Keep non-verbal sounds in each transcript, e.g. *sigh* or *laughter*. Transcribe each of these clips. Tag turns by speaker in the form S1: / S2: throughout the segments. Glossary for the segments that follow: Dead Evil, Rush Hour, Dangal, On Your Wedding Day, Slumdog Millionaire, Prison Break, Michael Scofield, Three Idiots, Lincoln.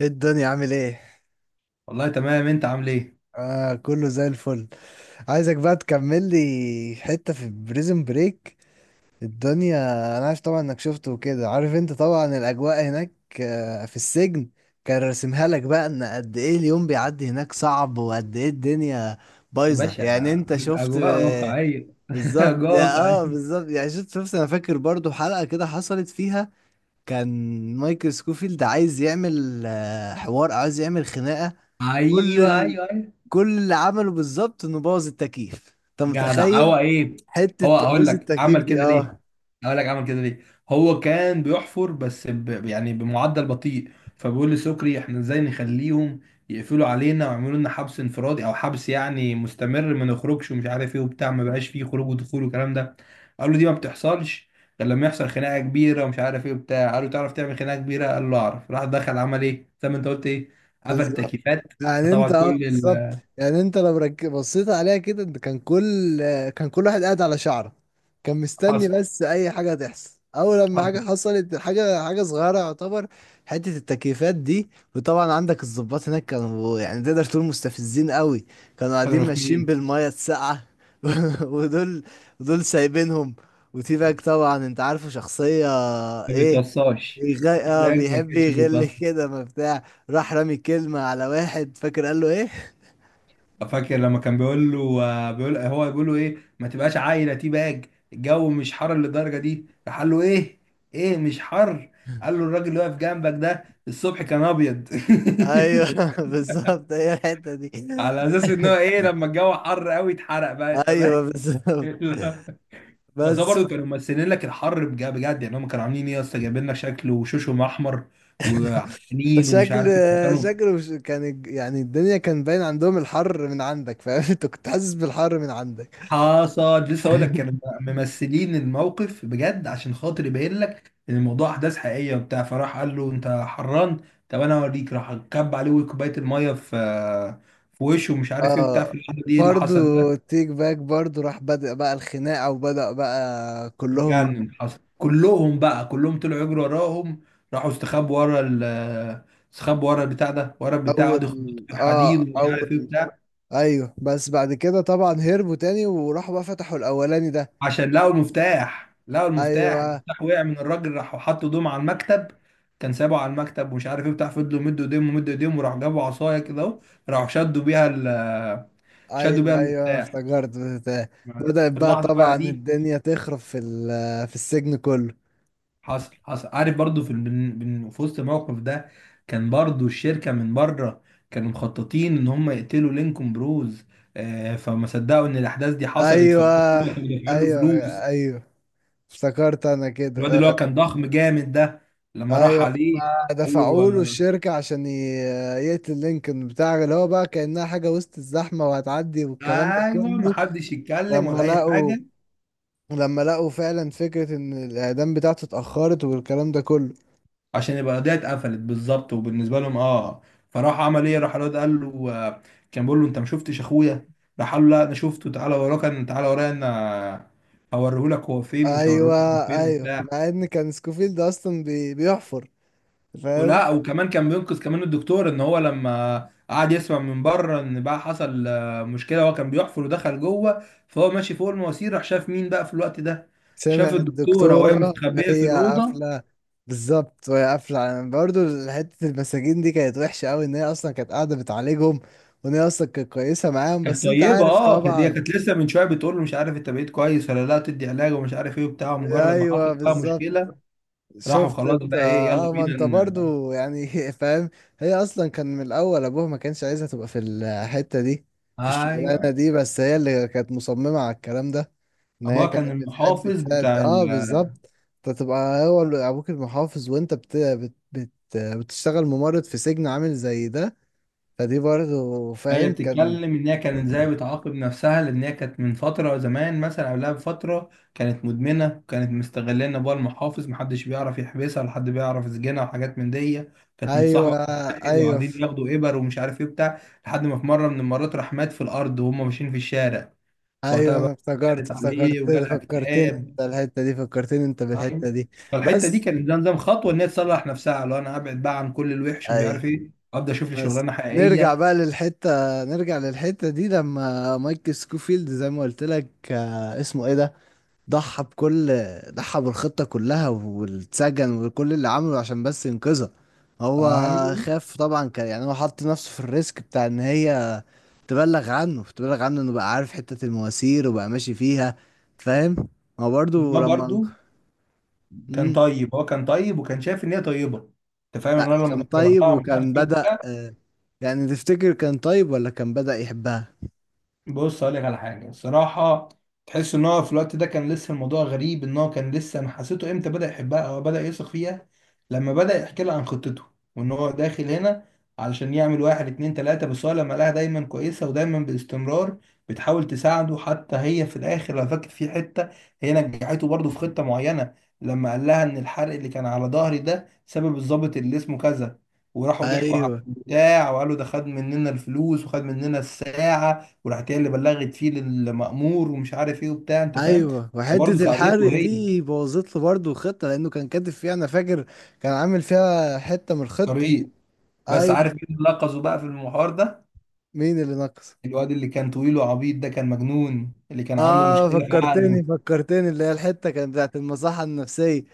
S1: إيه الدنيا عامل ايه؟
S2: والله تمام. انت عامل ايه؟
S1: كله زي الفل. عايزك بقى تكمل لي حتة في بريزن بريك الدنيا. انا عارف طبعا انك شفته وكده، عارف انت طبعا الاجواء هناك، آه في السجن. كان راسمها لك بقى ان قد ايه اليوم بيعدي هناك صعب، وقد ايه الدنيا
S2: يا
S1: بايظة،
S2: باشا،
S1: يعني انت شفت
S2: اجواء
S1: آه،
S2: واقعيه *laughs*
S1: بالظبط،
S2: اجواء واقعيه.
S1: بالظبط، يعني شفت. انا فاكر برضو حلقة كده حصلت فيها، كان مايكل سكوفيلد عايز يعمل، حوار، عايز يعمل خناقة. كل
S2: ايوه
S1: ال...
S2: ايوه ايوه.
S1: كل اللي عمله بالظبط انه بوظ التكييف. انت
S2: جدع
S1: متخيل
S2: هو ايه.
S1: حته
S2: هو اقول
S1: تبويظ
S2: لك
S1: التكييف
S2: عمل كده
S1: دي؟
S2: ليه
S1: اه.
S2: اقول لك عمل كده ليه. هو كان بيحفر بس يعني بمعدل بطيء، فبيقول لسكري احنا ازاي نخليهم يقفلوا علينا ويعملوا لنا حبس انفرادي او حبس يعني مستمر، ما نخرجش ومش عارف ايه وبتاع، ما بقاش فيه خروج ودخول والكلام ده. قال له دي ما بتحصلش غير لما يحصل خناقه كبيره ومش عارف ايه وبتاع. قال له تعرف تعمل خناقه كبيره؟ قال له اعرف، راح دخل عمل ايه زي ما انت قلت؟ ايه، قفل
S1: بالظبط
S2: التكييفات. فطبعا كل
S1: بالظبط،
S2: ال
S1: يعني انت لو بصيت عليها كده، انت كان كل واحد قاعد على شعره، كان مستني
S2: حصل
S1: بس اي حاجه تحصل. اول لما حاجه
S2: حصل
S1: حصلت، حاجه صغيره يعتبر، حته التكييفات دي. وطبعا عندك الضباط هناك كانوا يعني تقدر تقول مستفزين قوي، كانوا
S2: كانوا
S1: قاعدين ماشيين
S2: رخمين،
S1: بالميه الساقعه. *laughs* ودول، سايبينهم. وتي باك طبعا انت عارفه شخصيه
S2: ما
S1: ايه،
S2: بيتوصاش،
S1: بيغ... اه
S2: الباك ما
S1: بيحب
S2: كانش
S1: يغل
S2: بيتوصى.
S1: كده ما بتاع. راح رامي كلمة على واحد، فاكر قال له ايه.
S2: فاكر لما كان بيقول له، بيقول هو بيقول له ايه، ما تبقاش عايله تي باج، الجو مش حر للدرجه دي. راح قال له ايه؟ ايه مش حر؟ قال له الراجل اللي واقف جنبك ده الصبح كان ابيض.
S1: ايوه. *laughs* بالظبط، هي الحتة دي.
S2: *laughs* على اساس ان هو ايه، لما الجو حر قوي اتحرق بقى، انت فاهم.
S1: ايوه
S2: *laughs*
S1: بالظبط.
S2: لا. بس هو
S1: بس
S2: برضه كانوا ممثلين لك الحر بجد بجد، يعني هم كانوا عاملين ايه يا اسطى، جايبين لك شكل وشوشهم احمر وعينين ومش
S1: شكل
S2: عارف إيه. كانوا
S1: شكله مش- كان الج- يعني الدنيا كان باين عندهم الحر من عندك، فاهم؟ *laughs* انت كنت حاسس بالحر من عندك.
S2: حصل لسه اقول لك، كانوا ممثلين الموقف بجد عشان خاطر يبين لك ان الموضوع احداث حقيقيه وبتاع. فراح قال له انت حران، طب انا اوريك، راح كب عليه كوبايه الميه في في وشه ومش عارف ايه وبتاع. في
S1: اه
S2: اللحظه دي إيه اللي
S1: برضو
S2: حصل بقى؟
S1: تيك باك برضو راح بدأ بقى الخناقة، وبدأ بقى كلهم.
S2: اتجنن، حصل كلهم بقى، كلهم طلعوا يجروا وراهم. راحوا استخبوا ورا ال، استخبوا ورا البتاع ده ورا البتاع
S1: اول
S2: ده، خبطوا في
S1: اه
S2: الحديد ومش عارف ايه
S1: اول.
S2: بتاع،
S1: ايوه، بس بعد كده طبعا هربوا تاني وراحوا بقى فتحوا الاولاني ده.
S2: عشان لقوا المفتاح. لقوا المفتاح،
S1: ايوه،
S2: المفتاح وقع من الراجل. راحوا حطوا ايدهم على المكتب، كان سابه على المكتب ومش عارف ايه بتاع، فضلوا مدوا ايديهم ومدوا ايديهم، وراحوا جابوا عصايه كده اهو، راحوا شدوا بيها ال، شدوا بيها
S1: ايوه، ايوه،
S2: المفتاح.
S1: افتكرت بتاع.
S2: بس
S1: بدأت
S2: في
S1: بقى
S2: اللحظه بقى
S1: طبعا
S2: دي،
S1: الدنيا تخرب في في السجن كله.
S2: حصل حصل عارف برضو، في وسط الموقف ده كان برضو الشركه من بره، كانوا مخططين ان هم يقتلوا لينكولن بروز، فما صدقوا ان الاحداث دي حصلت،
S1: ايوه،
S2: فكانوا دافعين له
S1: ايوه،
S2: فلوس.
S1: ايوه، افتكرت انا كده
S2: الواد اللي هو
S1: آه،
S2: كان ضخم جامد ده لما راح
S1: ايوه،
S2: عليه
S1: ما
S2: قال له،
S1: دفعوا له الشركه عشان يقتل لينكولن بتاع، اللي هو بقى كانها حاجه وسط الزحمه وهتعدي
S2: آه،
S1: والكلام ده
S2: ايوه ما
S1: كله.
S2: حدش يتكلم
S1: لما
S2: ولا اي
S1: لقوا
S2: حاجه
S1: لما لقوا فعلا فكره ان الاعدام بتاعته اتاخرت والكلام ده كله.
S2: عشان يبقى القضيه اتقفلت بالظبط وبالنسبه لهم، اه. فراح عمل ايه، راح الواد قال له، كان بيقول له انت ما شفتش اخويا؟ راح قال له لا انا شفته، تعالى وراه، كان تعالى ورايا انا هوريهولك هو فين، ومش
S1: ايوه.
S2: هوريهولك هو فين
S1: ايوه،
S2: وبتاع.
S1: مع ان كان سكوفيلد اصلا بيحفر، فاهم؟
S2: ولا وكمان كان بينقذ كمان الدكتور، ان هو لما قعد يسمع من بره ان بقى حصل مشكله، هو كان بيحفر ودخل جوه فهو ماشي فوق المواسير، راح شاف مين بقى في الوقت ده،
S1: سمع
S2: شاف الدكتوره وهي
S1: الدكتورة
S2: مستخبيه في
S1: وهي
S2: الاوضه.
S1: قافلة. بالظبط، وهي قافلة برضو حتة المساجين دي كانت وحشة أوي، إن هي أصلا كانت قاعدة بتعالجهم، وإن هي أصلا كانت كويسة معاهم،
S2: كانت
S1: بس أنت
S2: طيبه،
S1: عارف
S2: اه كانت، هي
S1: طبعا.
S2: كانت لسه من شويه بتقول له مش عارف انت بقيت كويس ولا لا، تدي علاج ومش عارف ايه وبتاع، مجرد ما حصل
S1: أيوه
S2: بقى
S1: بالظبط.
S2: مشكله راحوا
S1: شفت
S2: خلاص
S1: انت
S2: بقى ايه يلا
S1: اه ما
S2: بينا
S1: انت برضو يعني *laughs* فاهم. هي اصلا كان من الاول ابوها ما كانش عايزها تبقى في الحتة دي، في الشغلانة
S2: ايوه.
S1: دي، بس هي اللي كانت مصممة على الكلام ده، ان هي
S2: ابوها كان
S1: كانت بتحب
S2: المحافظ
S1: تساعد.
S2: بتاع.
S1: اه بالظبط. انت تبقى هو ابوك المحافظ، وانت بتشتغل ممرض في سجن عامل زي ده، فدي برضو
S2: هي
S1: فاهم كان.
S2: بتتكلم ان هي كانت ازاي بتعاقب نفسها، لان هي كانت من فتره زمان مثلا، قبلها بفتره كانت مدمنه، وكانت مستغلاه ان ابوها المحافظ محدش بيعرف يحبسها ولا حد بيعرف يسجنها وحاجات من دي. كانت
S1: ايوه،
S2: متصاحبه مع واحد
S1: ايوه،
S2: وقاعدين ياخدوا ابر ومش عارف ايه بتاع، لحد ما في مره من المرات راح مات في الارض وهم ماشيين في الشارع.
S1: ايوه،
S2: فوقتها
S1: انا
S2: بقى قالت عليه
S1: افتكرت
S2: وجالها
S1: فكرتني.
S2: اكتئاب.
S1: انت بالحتة
S2: أيوة.
S1: دي.
S2: فالحته دي
S1: بس.
S2: كانت زي نظام خطوه ان هي تصلح نفسها، لو انا ابعد بقى عن كل الوحش ومش عارف
S1: ايوه.
S2: ايه ابدا، اشوف لي
S1: بس
S2: شغلانه
S1: نرجع
S2: حقيقيه.
S1: بقى للحتة نرجع للحتة دي لما مايك سكوفيلد زي ما قلت لك، اسمه ايه ده، ضحى بكل ضحى بالخطة كلها واتسجن، وكل اللي عمله عشان بس ينقذها هو.
S2: ايوه
S1: خاف طبعا، كان يعني هو حط نفسه في الريسك بتاع ان هي تبلغ عنه، انه بقى عارف حتة المواسير وبقى ماشي فيها، فاهم. هو برضه
S2: ما
S1: لما.
S2: برضو كان
S1: مم.
S2: طيب، هو كان طيب وكان شايف ان هي طيبه. انت فاهم، يعني
S1: لا
S2: انا
S1: كان
S2: لما كان بيروح
S1: طيب،
S2: لها مش عارف
S1: وكان
S2: ايه
S1: بدأ
S2: وبتاع.
S1: آه، يعني تفتكر كان طيب ولا كان بدأ يحبها؟
S2: بص هقول لك على حاجه الصراحه، تحس ان هو في الوقت ده كان لسه الموضوع غريب، ان هو كان لسه، انا حسيته امتى بدا يحبها او بدا يثق فيها؟ لما بدا يحكي لها عن خطته وان هو داخل هنا علشان يعمل واحد اتنين تلاته. بس هو لما لقاها دايما كويسه ودايما باستمرار بتحاول تساعده، حتى هي في الاخر لو فاكر في حته، هي نجحته برضه في خطه معينه. لما قال لها ان الحرق اللي كان على ظهري ده سبب الضابط اللي اسمه كذا، وراحوا ضحكوا على
S1: ايوه.
S2: البتاع وقالوا ده خد مننا الفلوس وخد مننا الساعه، وراحت هي اللي بلغت فيه للمأمور ومش عارف ايه وبتاع، انت فاهم.
S1: ايوه. وحته
S2: فبرضه ساعدته
S1: الحرق
S2: هي،
S1: دي بوظت له برضه الخطه لانه كان كاتب فيها انا فاكر، كان عامل فيها حته من الخطه.
S2: طريق. بس عارف
S1: ايوه.
S2: مين اللي لقظه بقى في المحور ده؟
S1: مين اللي نقص؟
S2: الواد اللي كان طويل وعبيط ده، كان مجنون اللي كان عنده
S1: اه،
S2: مشكلة في
S1: فكرتني.
S2: عقله.
S1: اللي هي الحته كانت بتاعت المصحه النفسيه.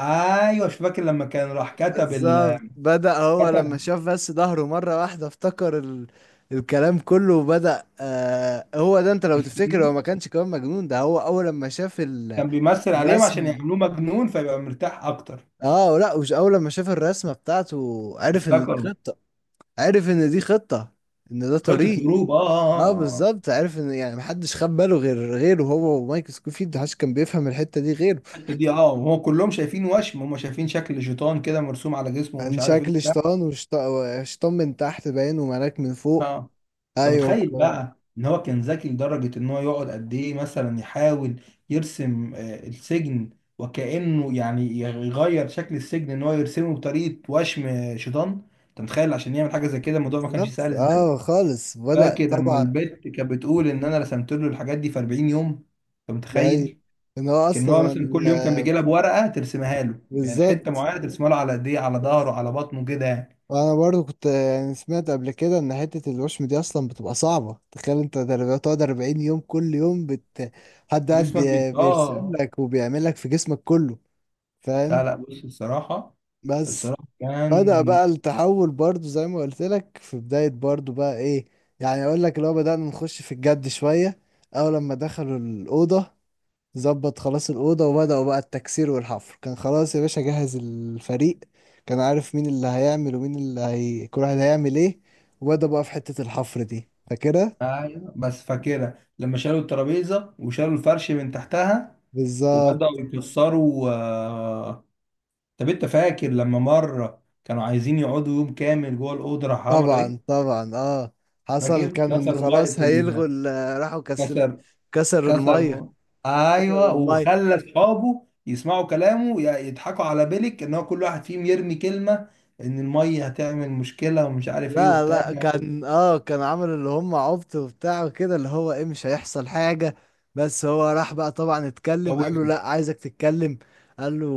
S2: ايوه مش فاكر لما كان راح كتب ال...
S1: بالظبط، بدأ هو لما
S2: كتب
S1: شاف بس ظهره مرة واحدة افتكر الكلام كله، وبدأ آه هو ده، انت لو تفتكر هو
S2: الفيلم،
S1: ما كانش كمان مجنون ده. هو اول لما شاف
S2: كان بيمثل عليهم عشان
S1: الرسمة.
S2: يعملوه مجنون فيبقى مرتاح اكتر.
S1: اه، لا، مش اول لما شاف الرسمة بتاعته عرف ان دي
S2: افتكروا
S1: خطة، عارف ان دي خطة، ان ده
S2: خطة
S1: طريق.
S2: هروب، اه اه اه.
S1: اه
S2: آه. آه، آه.
S1: بالظبط، عارف ان يعني محدش خد باله غير غيره، هو ومايك سكوفيلد، محدش كان بيفهم الحتة دي غيره.
S2: الحته دي اه، وهو كلهم شايفين وشم، هم شايفين شكل شيطان كده مرسوم على جسمه
S1: كان
S2: ومش عارف ايه
S1: شكل
S2: وبتاع،
S1: شيطان، وشيطان من تحت باين، وملاك من فوق.
S2: اه. انت
S1: ايوه
S2: متخيل بقى ان هو كان ذكي لدرجة ان هو يقعد قد ايه مثلا يحاول يرسم السجن، وكأنه يعني يغير شكل السجن ان هو يرسمه بطريقة وشم شيطان. انت متخيل، عشان يعمل حاجة زي كده الموضوع ما كانش
S1: بالظبط.
S2: سهل ازاي.
S1: اه خالص. بدأ
S2: فاكر لما
S1: طبعا.
S2: البت كانت بتقول ان انا رسمت له الحاجات دي في 40 يوم؟ انت
S1: لا أيوة.
S2: متخيل،
S1: ان هو
S2: كان هو
S1: اصلا
S2: مثلا كل يوم كان
S1: آه،
S2: بيجي لها بورقة ترسمها له، يعني حتة
S1: بالظبط.
S2: معينة ترسمها له، على ايديه، على ظهره، على بطنه كده يعني،
S1: وانا برضو كنت يعني سمعت قبل كده ان حتة الوشم دي اصلا بتبقى صعبة، تخيل انت بتقعد 40 يوم، كل يوم حد قاعد
S2: جسمك بيت
S1: بيرسم
S2: اه.
S1: لك وبيعمل لك في جسمك كله، فاهم.
S2: لا لا، بص الصراحة،
S1: بس
S2: الصراحة
S1: بدأ
S2: كان
S1: بقى التحول برضو زي ما قلت لك في بداية برضو بقى ايه. يعني اقول لك لو بدأنا نخش في الجد شوية، اول لما دخلوا الأوضة، ظبط خلاص الأوضة، وبدأوا بقى التكسير والحفر، كان خلاص يا باشا جهز الفريق، كان عارف مين اللي هيعمل ومين اللي هي كل واحد هيعمل ايه. وبدأ بقى في حتة الحفر دي، فاكرها.
S2: ايوه. بس فاكرها لما شالوا الترابيزه وشالوا الفرش من تحتها
S1: بالظبط.
S2: وبداوا يكسروا، طب انت فاكر لما مره كانوا عايزين يقعدوا يوم كامل جوه الاوضه راح عملوا ايه؟
S1: طبعا، طبعا، اه، حصل.
S2: فاكر
S1: كان
S2: كسروا ميه
S1: خلاص هيلغوا
S2: ال...
S1: راحوا كسر.
S2: كسر
S1: كسروا
S2: كسر
S1: المية
S2: م...
S1: كسروا
S2: ايوه.
S1: المية.
S2: وخلى اصحابه يسمعوا كلامه يضحكوا على بيلك، ان هو كل واحد فيهم يرمي كلمه ان الميه هتعمل مشكله ومش عارف ايه
S1: لا،
S2: وبتاع،
S1: لا، كان كان عامل اللي هم عبط وبتاع وكده، اللي هو ايه مش هيحصل حاجة. بس هو راح بقى طبعا اتكلم، قال له
S2: وخوفه.
S1: لا عايزك تتكلم. قال له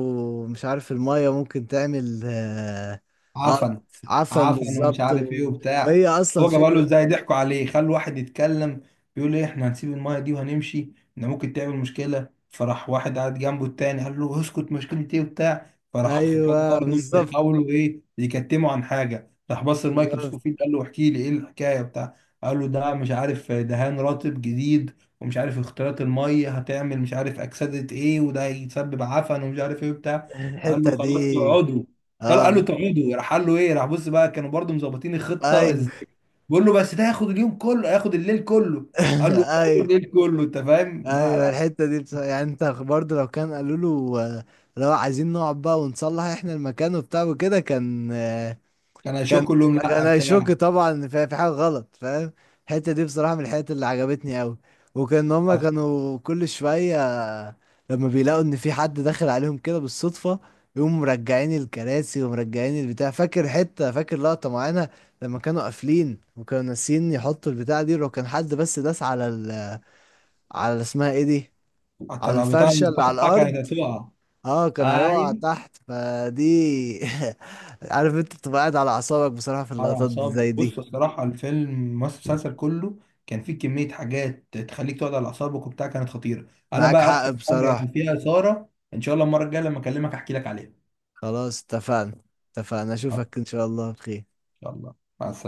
S1: مش عارف المية ممكن تعمل اه، آه
S2: عفن،
S1: عفن
S2: عفن ومش
S1: بالظبط،
S2: عارف ايه وبتاع.
S1: وهي اصلا
S2: هو جاب له
S1: فكرة.
S2: ازاي؟ ضحكوا عليه، خلوا واحد يتكلم، بيقول ايه احنا هنسيب المايه دي وهنمشي، ان ممكن تعمل مشكله. فراح واحد قاعد جنبه التاني قال له اسكت، مشكله ايه وبتاع. فراح خد بالهم
S1: ايوه
S2: انهم
S1: بالظبط.
S2: بيحاولوا ايه، يكتموا عن حاجه. راح بص لمايكل
S1: بالظبط.
S2: سكوفيلد قال له احكي لي ايه الحكايه بتاع. قال له ده مش عارف دهان رطب جديد، ومش عارف اختلاط الميه هتعمل مش عارف اكسده ايه، وده هيسبب عفن ومش عارف ايه بتاع. قال له
S1: الحتة دي
S2: خلاص تقعدوا، قال
S1: اه.
S2: قال له تقعدوا. راح قال له ايه؟ راح بص بقى، كانوا برضو مظبطين الخطه
S1: ايوه.
S2: ازاي. بيقول له بس ده هياخد اليوم كله، هياخد الليل كله.
S1: *laughs*
S2: قال له هياخد
S1: ايوه،
S2: الليل كله، انت فاهم. لا
S1: ايوه،
S2: لا
S1: الحته دي يعني انت برضه لو كان قالوا له، لو عايزين نقعد بقى ونصلح احنا المكان وبتاع وكده كان،
S2: كان هيشك
S1: كان
S2: كلهم، لا
S1: كان هيشك
S2: بتاع.
S1: طبعا إن في حاجه غلط، فاهم. الحته دي بصراحه من الحاجات اللي عجبتني قوي. وكان هما كانوا كل شويه لما بيلاقوا ان في حد داخل عليهم كده بالصدفه، يقوموا مرجعين الكراسي ومرجعين البتاع. فاكر حته، فاكر لقطه معانا لما كانوا قافلين وكانوا ناسيين يحطوا البتاع دي، ولو كان حد بس داس على على اسمها ايه دي، على
S2: ترى بتاع
S1: الفرشة اللي على
S2: الفتحه كانت
S1: الأرض،
S2: هتقع.
S1: اه كان هيقع
S2: ايوه
S1: تحت، فدي. *laughs* عارف انت تبقى قاعد على أعصابك بصراحة في
S2: على
S1: اللقطات دي
S2: اعصابه.
S1: زي
S2: بص
S1: دي.
S2: الصراحه، الفيلم، بس المسلسل كله، كان فيه كميه حاجات تخليك تقعد على اعصابك وبتاع، كانت خطيره. انا
S1: معاك
S2: بقى
S1: حق
S2: اكتر حاجه
S1: بصراحة.
S2: كان فيها اثاره، ان شاء الله المره الجايه لما اكلمك احكي لك عليها.
S1: خلاص اتفقنا. اتفقنا،
S2: ان
S1: أشوفك إن شاء الله بخير.
S2: شاء الله. مع السلامة.